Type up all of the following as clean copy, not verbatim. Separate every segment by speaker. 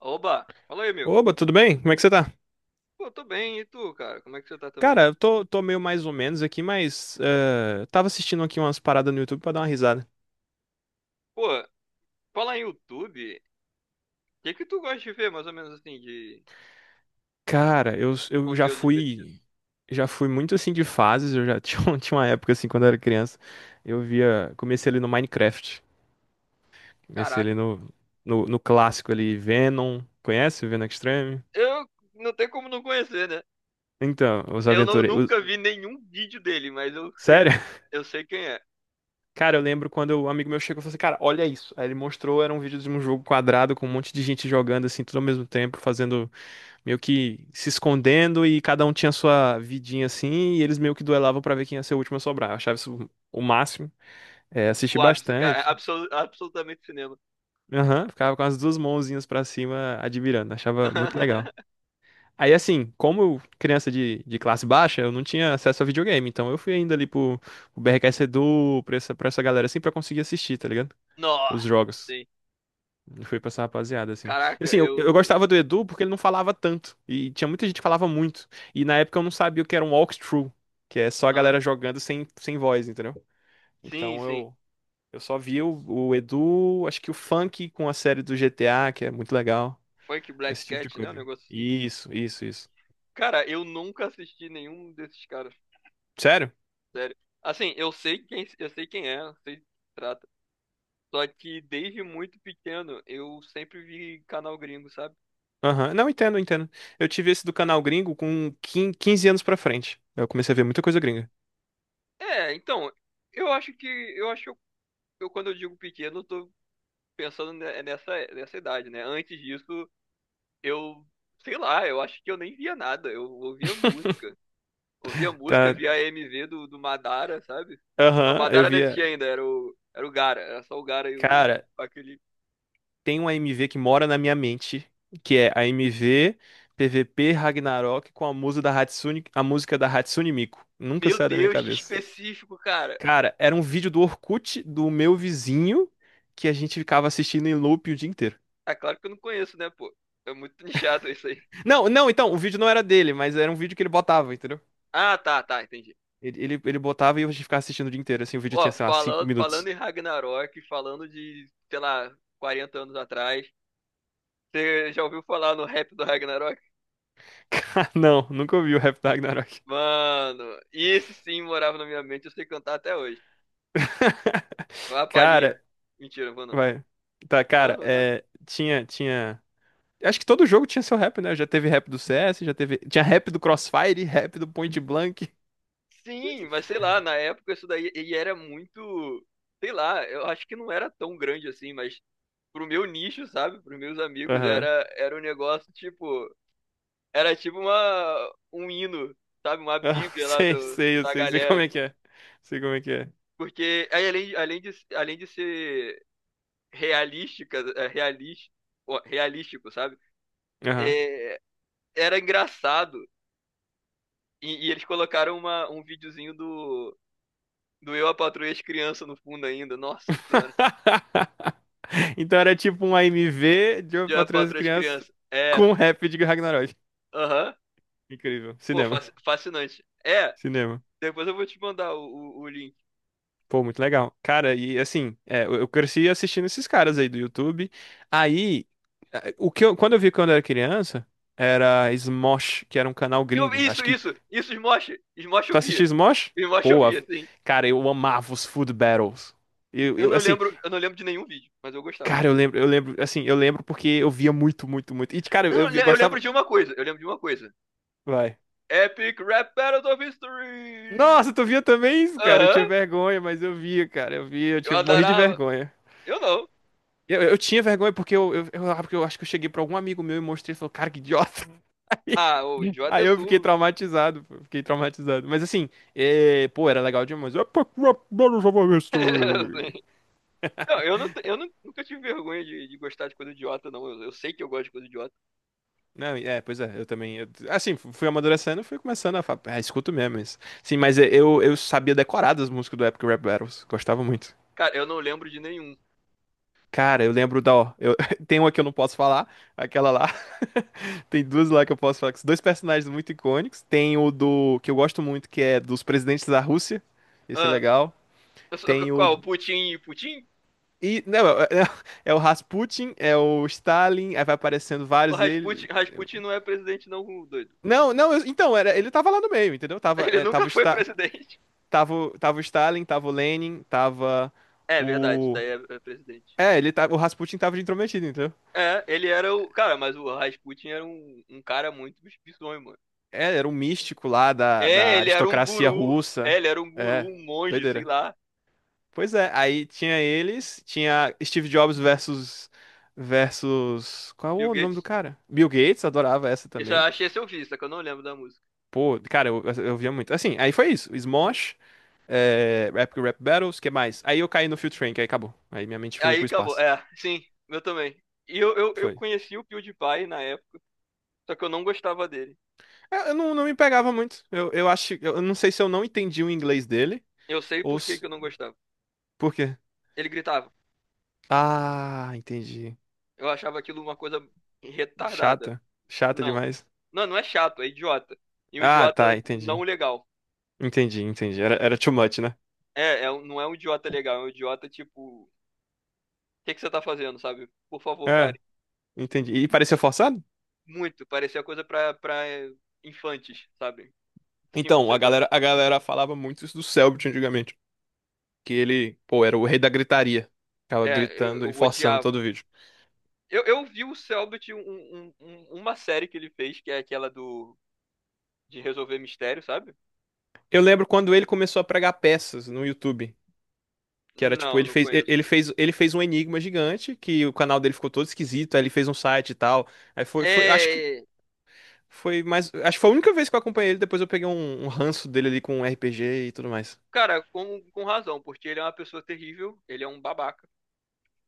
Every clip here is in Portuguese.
Speaker 1: Oba! Fala aí, amigo.
Speaker 2: Oba, tudo bem? Como é que você tá?
Speaker 1: Pô, tô bem, e tu, cara? Como é que você tá também?
Speaker 2: Cara, eu tô meio mais ou menos aqui, mas tava assistindo aqui umas paradas no YouTube pra dar uma risada.
Speaker 1: Pô, fala em YouTube. O que que tu gosta de ver, mais ou menos assim, de
Speaker 2: Cara, eu, eu já
Speaker 1: conteúdo divertido?
Speaker 2: fui já fui muito assim de fases, eu já tinha uma época assim quando eu era criança, eu via, comecei ali no Minecraft, comecei
Speaker 1: Caraca,
Speaker 2: ali no, no, no clássico ali, Venom, conhece o Venom Extreme?
Speaker 1: eu não tem como não conhecer, né?
Speaker 2: Então, os
Speaker 1: Eu não,
Speaker 2: aventureiros,
Speaker 1: nunca vi nenhum vídeo dele, mas eu sei,
Speaker 2: sério?
Speaker 1: eu sei quem é.
Speaker 2: Cara, eu lembro quando um amigo meu chegou e falou assim, cara, olha isso. Aí ele mostrou, era um vídeo de um jogo quadrado com um monte de gente jogando assim, tudo ao mesmo tempo, fazendo meio que se escondendo e cada um tinha sua vidinha assim, e eles meio que duelavam pra ver quem ia ser o último a sobrar. Eu achava isso o máximo. É, assisti
Speaker 1: O ápice, cara,
Speaker 2: bastante.
Speaker 1: absolutamente cinema.
Speaker 2: Aham, ficava com as duas mãozinhas pra cima admirando, achava muito legal. Aí assim, como eu, criança de classe baixa, eu não tinha acesso a videogame, então eu fui ainda pro BRKS Edu, pra essa galera assim, pra conseguir assistir, tá ligado?
Speaker 1: Nossa,
Speaker 2: Os jogos.
Speaker 1: sim.
Speaker 2: Foi pra essa rapaziada, assim. E,
Speaker 1: Caraca,
Speaker 2: assim, eu
Speaker 1: eu.
Speaker 2: gostava do Edu porque ele não falava tanto. E tinha muita gente que falava muito. E na época eu não sabia o que era um walkthrough, que é só a
Speaker 1: Aham.
Speaker 2: galera jogando sem voz, entendeu?
Speaker 1: Sim,
Speaker 2: Então
Speaker 1: sim.
Speaker 2: eu só via o Edu, acho que o Funk com a série do GTA, que é muito legal.
Speaker 1: Funk Black
Speaker 2: Esse tipo de
Speaker 1: Cat, né? Um
Speaker 2: coisa.
Speaker 1: negócio assim.
Speaker 2: Isso, isso, isso.
Speaker 1: Cara, eu nunca assisti nenhum desses caras.
Speaker 2: Sério?
Speaker 1: Sério. Assim, eu sei quem é, eu sei do que se trata. Só que desde muito pequeno eu sempre vi canal gringo, sabe?
Speaker 2: Aham. Não, entendo, entendo. Eu tive esse do canal gringo com 15 anos pra frente. Eu comecei a ver muita coisa gringa.
Speaker 1: É, então, eu acho que eu acho que eu, quando eu digo pequeno, eu tô pensando nessa idade, né? Antes disso, eu sei lá, eu acho que eu nem via nada, eu ouvia música. Ouvia música,
Speaker 2: Tá.
Speaker 1: via a MV do Madara, sabe? Não,
Speaker 2: Aham, eu
Speaker 1: Madara não
Speaker 2: via.
Speaker 1: existia ainda, era o Gaara, era só o Gaara e o
Speaker 2: Cara,
Speaker 1: aquele
Speaker 2: tem uma MV que mora na minha mente, que é a MV PVP Ragnarok com a música da Hatsune, a música da Hatsune Miku. Nunca
Speaker 1: Meu
Speaker 2: sai da minha
Speaker 1: Deus, que
Speaker 2: cabeça.
Speaker 1: específico, cara.
Speaker 2: Cara, era um vídeo do Orkut do meu vizinho que a gente ficava assistindo em loop o dia inteiro.
Speaker 1: É claro que eu não conheço, né, pô? É muito nichado isso aí.
Speaker 2: Não, não, então, o vídeo não era dele, mas era um vídeo que ele botava, entendeu?
Speaker 1: Ah, tá, tá, entendi.
Speaker 2: Ele botava e a gente ficava assistindo o dia inteiro, assim, o vídeo tinha,
Speaker 1: Ó,
Speaker 2: sei lá, 5
Speaker 1: falando
Speaker 2: minutos.
Speaker 1: em Ragnarok, falando de, sei lá, 40 anos atrás, você já ouviu falar no rap do Ragnarok?
Speaker 2: Cara, não, nunca ouvi o rap da Ragnarok.
Speaker 1: Mano, esse sim morava na minha mente, eu sei cantar até hoje. Vai a
Speaker 2: Cara,
Speaker 1: palhinha. Mentira, não vou não.
Speaker 2: vai. Tá,
Speaker 1: Não,
Speaker 2: cara,
Speaker 1: vou nada.
Speaker 2: é, tinha, tinha. Acho que todo jogo tinha seu rap, né? Já teve rap do CS, já teve. Tinha rap do Crossfire, rap do Point Blank.
Speaker 1: Sim, mas sei lá, na época isso daí ele era muito, sei lá, eu acho que não era tão grande assim, mas pro meu nicho, sabe? Pros meus amigos era
Speaker 2: Aham.
Speaker 1: um negócio tipo Era tipo uma, um hino, sabe? Uma
Speaker 2: Ah,
Speaker 1: bíblia lá
Speaker 2: sei,
Speaker 1: do,
Speaker 2: sei, eu
Speaker 1: da
Speaker 2: sei, sei como
Speaker 1: galera.
Speaker 2: é que é. Sei como é que é.
Speaker 1: Porque aí, além de ser realística, é, realis- ó, realístico, sabe?
Speaker 2: Aham.
Speaker 1: É, era engraçado. E eles colocaram uma, um videozinho do Eu, a Patroa e as Crianças no fundo ainda. Nossa Senhora.
Speaker 2: Então era tipo um AMV de
Speaker 1: De Eu, a
Speaker 2: Patrulha das
Speaker 1: Patroa e as
Speaker 2: Crianças
Speaker 1: Crianças. É,
Speaker 2: com rap de Ragnarok.
Speaker 1: aham.
Speaker 2: Incrível.
Speaker 1: Pô,
Speaker 2: Cinema.
Speaker 1: fascinante. É,
Speaker 2: Cinema.
Speaker 1: depois eu vou te mandar o link.
Speaker 2: Pô, muito legal. Cara, e assim, é, eu cresci assistindo esses caras aí do YouTube. Aí, quando eu vi quando eu era criança, era Smosh, que era um canal
Speaker 1: Eu,
Speaker 2: gringo.
Speaker 1: isso,
Speaker 2: Acho que
Speaker 1: isso, isso, Smosh. Smosh
Speaker 2: tu
Speaker 1: eu vi.
Speaker 2: assistiu Smosh?
Speaker 1: Smosh eu
Speaker 2: Pô,
Speaker 1: vi, assim.
Speaker 2: cara, eu amava os Food Battles. Eu,
Speaker 1: Eu
Speaker 2: eu,
Speaker 1: não
Speaker 2: assim,
Speaker 1: lembro, eu não lembro de nenhum vídeo, mas eu gostava.
Speaker 2: cara, eu lembro, assim, eu lembro porque eu via muito, muito, muito. E, cara,
Speaker 1: Eu, não
Speaker 2: eu
Speaker 1: eu lembro
Speaker 2: gostava.
Speaker 1: de uma coisa,
Speaker 2: Vai.
Speaker 1: Epic Rap Battles of History!
Speaker 2: Nossa, tu via também isso, cara? Eu tinha
Speaker 1: Aham, uhum,
Speaker 2: vergonha, mas eu via, cara, eu via, eu
Speaker 1: eu
Speaker 2: tinha, morri de
Speaker 1: adorava.
Speaker 2: vergonha.
Speaker 1: Eu não.
Speaker 2: Eu tinha vergonha porque eu, porque eu acho que eu cheguei pra algum amigo meu e mostrei e falou, cara, que idiota.
Speaker 1: Ah, o idiota
Speaker 2: Aí
Speaker 1: é
Speaker 2: eu fiquei
Speaker 1: tu.
Speaker 2: traumatizado, pô, fiquei traumatizado. Mas assim, é, pô, era legal demais.
Speaker 1: Não, eu, não, eu não- nunca tive vergonha de gostar de coisa idiota, não. Eu sei que eu gosto de coisa idiota.
Speaker 2: Não, é, pois é, eu também. Assim, fui amadurecendo, fui começando a falar, ah, escuto mesmo isso. Sim, mas é, eu sabia decorar das músicas do Epic Rap Battles, gostava muito.
Speaker 1: Cara, eu não lembro de nenhum.
Speaker 2: Cara, eu lembro da, ó, eu, tem uma que eu não posso falar, aquela lá. Tem duas lá que eu posso falar, que são dois personagens muito icônicos. Tem o do, que eu gosto muito, que é dos presidentes da Rússia, esse é
Speaker 1: Ah,
Speaker 2: legal. Tem o,
Speaker 1: qual? O Putin? Putin?
Speaker 2: não, é é o Rasputin, é o Stalin, aí vai aparecendo
Speaker 1: O
Speaker 2: vários dele.
Speaker 1: Rasputin, Rasputin não é presidente, não, doido.
Speaker 2: Não, não, então, era, ele tava lá no meio, entendeu? Tava,
Speaker 1: Ele
Speaker 2: é, tava
Speaker 1: nunca
Speaker 2: o
Speaker 1: foi
Speaker 2: Stalin.
Speaker 1: presidente.
Speaker 2: Tava, tava o Stalin, tava o Lenin, tava
Speaker 1: É verdade,
Speaker 2: o.
Speaker 1: daí é presidente.
Speaker 2: É, ele tava, o Rasputin tava de intrometido, entendeu?
Speaker 1: É, ele era o. Cara, mas o Rasputin era um cara muito bizonho, mano.
Speaker 2: É, era um místico lá da,
Speaker 1: É,
Speaker 2: da
Speaker 1: ele era um
Speaker 2: aristocracia
Speaker 1: guru. É,
Speaker 2: russa.
Speaker 1: ele era um guru,
Speaker 2: É,
Speaker 1: um monge, sei
Speaker 2: doideira.
Speaker 1: lá.
Speaker 2: Pois é, aí tinha eles, tinha Steve Jobs versus qual é
Speaker 1: Bill
Speaker 2: o nome do
Speaker 1: Gates.
Speaker 2: cara? Bill Gates, adorava essa
Speaker 1: Isso eu
Speaker 2: também.
Speaker 1: achei esse eu vi, só que eu não lembro da música.
Speaker 2: Pô, cara, eu via muito. Assim, aí foi isso. Smosh, é, Rap Battles, que mais? Aí eu caí no Field Train, que aí acabou. Aí minha mente foi
Speaker 1: Aí
Speaker 2: pro
Speaker 1: acabou.
Speaker 2: espaço.
Speaker 1: É, sim, eu também. E eu
Speaker 2: Foi.
Speaker 1: conheci o PewDiePie na época, só que eu não gostava dele.
Speaker 2: É, eu não, não me pegava muito. Eu acho. Eu não sei se eu não entendi o inglês dele
Speaker 1: Eu sei
Speaker 2: ou
Speaker 1: por que que
Speaker 2: se.
Speaker 1: eu não gostava.
Speaker 2: Por quê?
Speaker 1: Ele gritava.
Speaker 2: Ah, entendi.
Speaker 1: Eu achava aquilo uma coisa retardada.
Speaker 2: Chata. Chata
Speaker 1: Não.
Speaker 2: demais.
Speaker 1: Não, não é chato, é idiota. E um
Speaker 2: Ah,
Speaker 1: idiota
Speaker 2: tá,
Speaker 1: não
Speaker 2: entendi.
Speaker 1: legal.
Speaker 2: Entendi, entendi. Era, era too much, né?
Speaker 1: Não é um idiota legal, é um idiota tipo. Que você tá fazendo, sabe? Por favor,
Speaker 2: É,
Speaker 1: pare.
Speaker 2: entendi. E parecia forçado?
Speaker 1: Muito, parecia coisa pra, infantes, sabe? Cinco,
Speaker 2: Então,
Speaker 1: seis anos.
Speaker 2: a galera falava muito isso do Selbit antigamente. Que ele, pô, era o rei da gritaria. Ficava
Speaker 1: É, eu,
Speaker 2: gritando e
Speaker 1: eu
Speaker 2: forçando todo
Speaker 1: odiava.
Speaker 2: o vídeo.
Speaker 1: Eu vi o Cellbit, uma série que ele fez, que é aquela do de resolver mistério, sabe?
Speaker 2: Eu lembro quando ele começou a pregar peças no YouTube. Que era tipo,
Speaker 1: Não,
Speaker 2: ele
Speaker 1: não
Speaker 2: fez, e-
Speaker 1: conheço.
Speaker 2: ele fez um enigma gigante, que o canal dele ficou todo esquisito, aí ele fez um site e tal. Aí foi, acho que
Speaker 1: É,
Speaker 2: foi mais, acho que foi a única vez que eu acompanhei ele, depois eu peguei um ranço dele ali com RPG e tudo mais.
Speaker 1: cara, com razão, porque ele é uma pessoa terrível, ele é um babaca.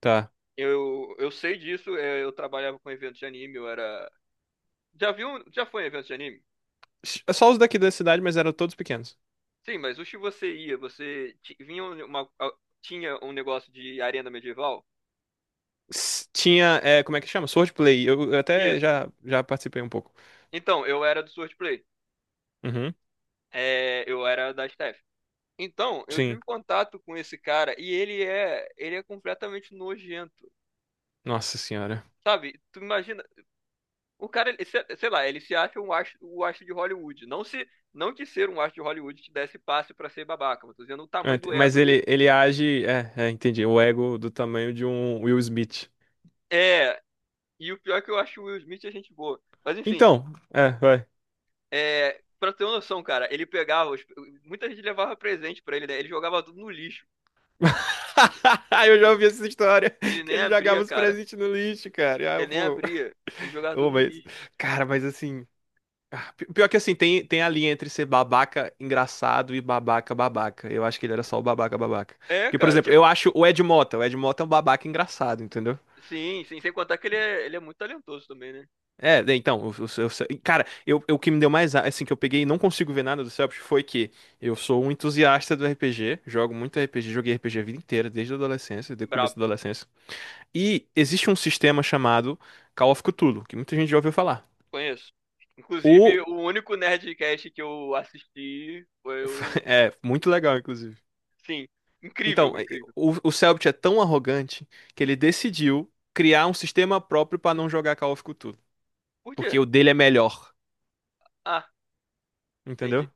Speaker 2: Tá.
Speaker 1: Eu sei disso, é, eu trabalhava com eventos de anime, eu era... Já viu, já foi em eventos de anime?
Speaker 2: Só os daqui da cidade, mas eram todos pequenos.
Speaker 1: Sim, mas o que você ia, vinha um, uma, tinha um negócio de arena medieval?
Speaker 2: Tinha, é, como é que chama? Swordplay. Eu, eu até
Speaker 1: Isso.
Speaker 2: já, já participei um pouco.
Speaker 1: Então, eu era do Swordplay.
Speaker 2: Uhum.
Speaker 1: É, eu era da Steph. Então, eu
Speaker 2: Sim.
Speaker 1: tive contato com esse cara e ele é completamente nojento.
Speaker 2: Nossa senhora.
Speaker 1: Sabe? Tu imagina, o cara, ele se- sei lá, ele se acha um astro, o astro de Hollywood. Não que ser um astro de Hollywood te desse passe pra ser babaca, mas tô dizendo o
Speaker 2: Ah,
Speaker 1: tamanho do
Speaker 2: mas
Speaker 1: ego dele.
Speaker 2: ele age, é, é, entendi, o ego do tamanho de um Will Smith.
Speaker 1: É, e o pior é que eu acho o Will Smith é gente boa. Mas enfim,
Speaker 2: Então, é, vai.
Speaker 1: é, pra ter uma noção, cara, ele pegava. Muita gente levava presente pra ele, né? Ele jogava tudo no lixo.
Speaker 2: Eu já ouvi essa história,
Speaker 1: Ele
Speaker 2: que
Speaker 1: nem
Speaker 2: ele jogava
Speaker 1: abria,
Speaker 2: os
Speaker 1: cara.
Speaker 2: presentes no lixo, cara. Ah,
Speaker 1: Ele
Speaker 2: eu
Speaker 1: nem
Speaker 2: vou.
Speaker 1: abria. Ele jogava
Speaker 2: Eu
Speaker 1: tudo
Speaker 2: vou
Speaker 1: no
Speaker 2: isso.
Speaker 1: lixo.
Speaker 2: Cara, mas assim, ah, pior que assim, tem a linha entre ser babaca engraçado e babaca babaca. Eu acho que ele era só o babaca babaca.
Speaker 1: É,
Speaker 2: Porque, por
Speaker 1: cara,
Speaker 2: exemplo, eu
Speaker 1: tipo,
Speaker 2: acho o Ed Mota. O Ed Mota é um babaca engraçado, entendeu?
Speaker 1: sim, sim, sem contar que ele é muito talentoso também, né?
Speaker 2: É, né, então, cara, o que me deu mais, assim, que eu peguei e não consigo ver nada do Celpip foi que eu sou um entusiasta do RPG, jogo muito RPG, joguei RPG a vida inteira, desde a adolescência, desde o começo
Speaker 1: Brabo,
Speaker 2: da adolescência. E existe um sistema chamado Call of Cthulhu, que muita gente já ouviu falar.
Speaker 1: conheço. Inclusive,
Speaker 2: O...
Speaker 1: o único Nerdcast que eu assisti foi o.
Speaker 2: é muito legal, inclusive.
Speaker 1: Sim, incrível,
Speaker 2: Então,
Speaker 1: incrível.
Speaker 2: o Cellbit é tão arrogante que ele decidiu criar um sistema próprio para não jogar Call of Cthulhu,
Speaker 1: Por
Speaker 2: porque
Speaker 1: quê?
Speaker 2: o dele é melhor,
Speaker 1: Ah, entendi.
Speaker 2: entendeu?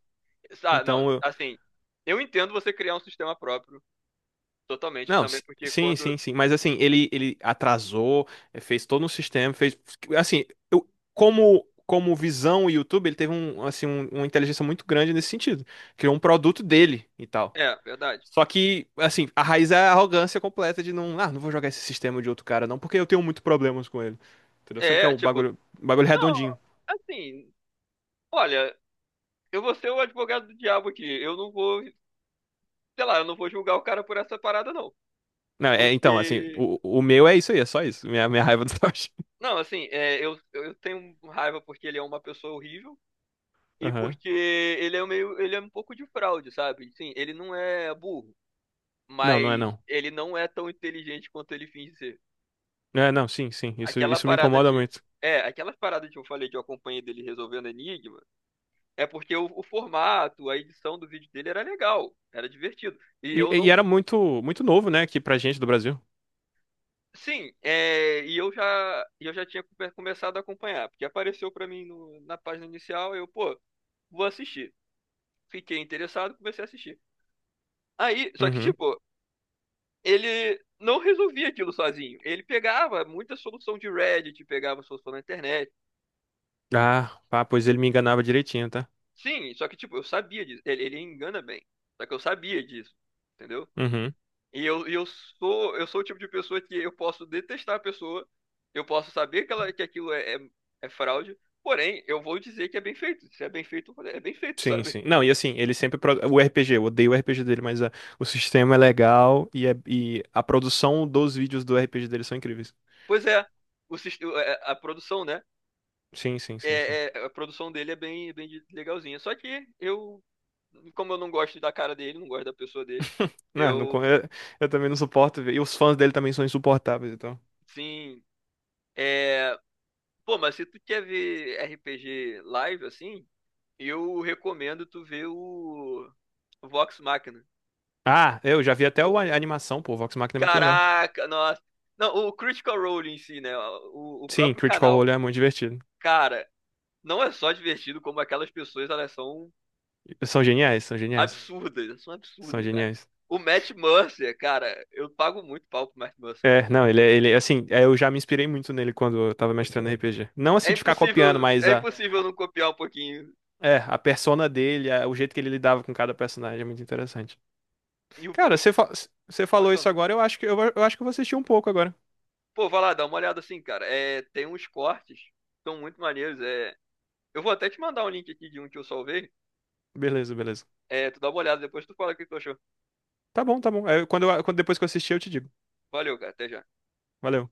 Speaker 1: Ah,
Speaker 2: Então,
Speaker 1: não,
Speaker 2: eu...
Speaker 1: assim, eu entendo você criar um sistema próprio, totalmente,
Speaker 2: não,
Speaker 1: também, porque
Speaker 2: sim,
Speaker 1: quando.
Speaker 2: sim, sim, mas assim, ele atrasou, eh, fez todo um sistema, fez assim, eu, como visão o YouTube, ele teve um assim uma inteligência muito grande nesse sentido, criou um produto dele e tal.
Speaker 1: É, verdade.
Speaker 2: Só que, assim, a raiz é a arrogância completa de não, ah, não vou jogar esse sistema de outro cara, não, porque eu tenho muito problemas com ele. Entendeu? Sendo que é
Speaker 1: É, tipo,
Speaker 2: um bagulho
Speaker 1: não,
Speaker 2: redondinho.
Speaker 1: assim, olha, eu vou ser o advogado do diabo aqui. Eu não vou, sei lá, eu não vou julgar o cara por essa parada, não.
Speaker 2: Não, é, então, assim,
Speaker 1: Porque,
Speaker 2: o meu é isso aí, é só isso. Minha raiva do Toshi.
Speaker 1: não, assim, é, eu tenho raiva porque ele é uma pessoa horrível e
Speaker 2: Aham.
Speaker 1: porque ele é meio, ele é um pouco de fraude, sabe? Sim, ele não é burro,
Speaker 2: Não, não é
Speaker 1: mas
Speaker 2: não.
Speaker 1: ele não é tão inteligente quanto ele finge ser.
Speaker 2: Não é, não, sim, sim. Isso,
Speaker 1: Aquela
Speaker 2: isso me
Speaker 1: parada
Speaker 2: incomoda
Speaker 1: de.
Speaker 2: muito.
Speaker 1: É, aquela parada que eu falei que eu acompanhei dele resolvendo enigma, é porque o formato, a edição do vídeo dele era legal, era divertido. E eu
Speaker 2: E
Speaker 1: não
Speaker 2: era muito, muito novo, né, aqui pra gente do Brasil.
Speaker 1: sim, é, e eu já tinha começado a acompanhar, porque apareceu pra mim na página inicial, eu, pô, vou assistir. Fiquei interessado, comecei a assistir. Aí, só que,
Speaker 2: Uhum.
Speaker 1: tipo, ele não resolvia aquilo sozinho. Ele pegava muita solução de Reddit, pegava solução na internet.
Speaker 2: Ah, pá, pois ele me enganava direitinho, tá?
Speaker 1: Sim, só que, tipo, eu sabia disso. Ele engana bem. Só que eu sabia disso, entendeu?
Speaker 2: Uhum.
Speaker 1: E eu sou, o tipo de pessoa que eu posso detestar a pessoa, eu posso saber que, ela, que aquilo é fraude, porém, eu vou dizer que é bem feito. Se é bem feito, é bem feito,
Speaker 2: Sim,
Speaker 1: sabe?
Speaker 2: sim. Não, e assim, ele sempre. Pro- O RPG, eu odeio o RPG dele, mas o sistema é legal e a produção dos vídeos do RPG dele são incríveis.
Speaker 1: Pois é, é, a produção, né?
Speaker 2: Sim, sim, sim, sim.
Speaker 1: A produção dele é bem, bem legalzinha. Só que eu, como eu não gosto da cara dele, não gosto da pessoa dele,
Speaker 2: Não,
Speaker 1: eu,
Speaker 2: eu também não suporto ver. E os fãs dele também são insuportáveis, então.
Speaker 1: sim, é... Pô, mas se tu quer ver RPG live, assim, eu recomendo tu ver o Vox Machina.
Speaker 2: Ah, eu já vi até a animação, pô. O Vox Machina é muito legal.
Speaker 1: Caraca, nossa. Não, o Critical Role em si, né? O
Speaker 2: Sim,
Speaker 1: próprio
Speaker 2: Critical
Speaker 1: canal.
Speaker 2: Role é muito divertido.
Speaker 1: Cara, não é só divertido, como aquelas pessoas, elas são
Speaker 2: São geniais, são geniais.
Speaker 1: absurdas. Elas são
Speaker 2: São
Speaker 1: absurdas, cara.
Speaker 2: geniais.
Speaker 1: O Matt Mercer, cara, eu pago muito pau pro Matt Mercer.
Speaker 2: É, não, ele, é, assim, é, eu já me inspirei muito nele quando eu tava mestrando RPG. Não assim de ficar copiando, mas
Speaker 1: É
Speaker 2: ah,
Speaker 1: impossível não copiar um pouquinho.
Speaker 2: é, a persona dele, o jeito que ele lidava com cada personagem é muito interessante.
Speaker 1: E
Speaker 2: Cara, você
Speaker 1: pode
Speaker 2: falou
Speaker 1: falar.
Speaker 2: isso agora, eu acho que eu acho que eu vou assistir um pouco agora.
Speaker 1: Pô, vai lá, dá uma olhada assim, cara. É, tem uns cortes, são muito maneiros. É, eu vou até te mandar um link aqui de um que eu salvei.
Speaker 2: Beleza, beleza.
Speaker 1: É, tu dá uma olhada, depois tu fala o que tu achou.
Speaker 2: Tá bom, tá bom. É, quando depois que eu assistir, eu te digo.
Speaker 1: Valeu, cara, até já.
Speaker 2: Valeu.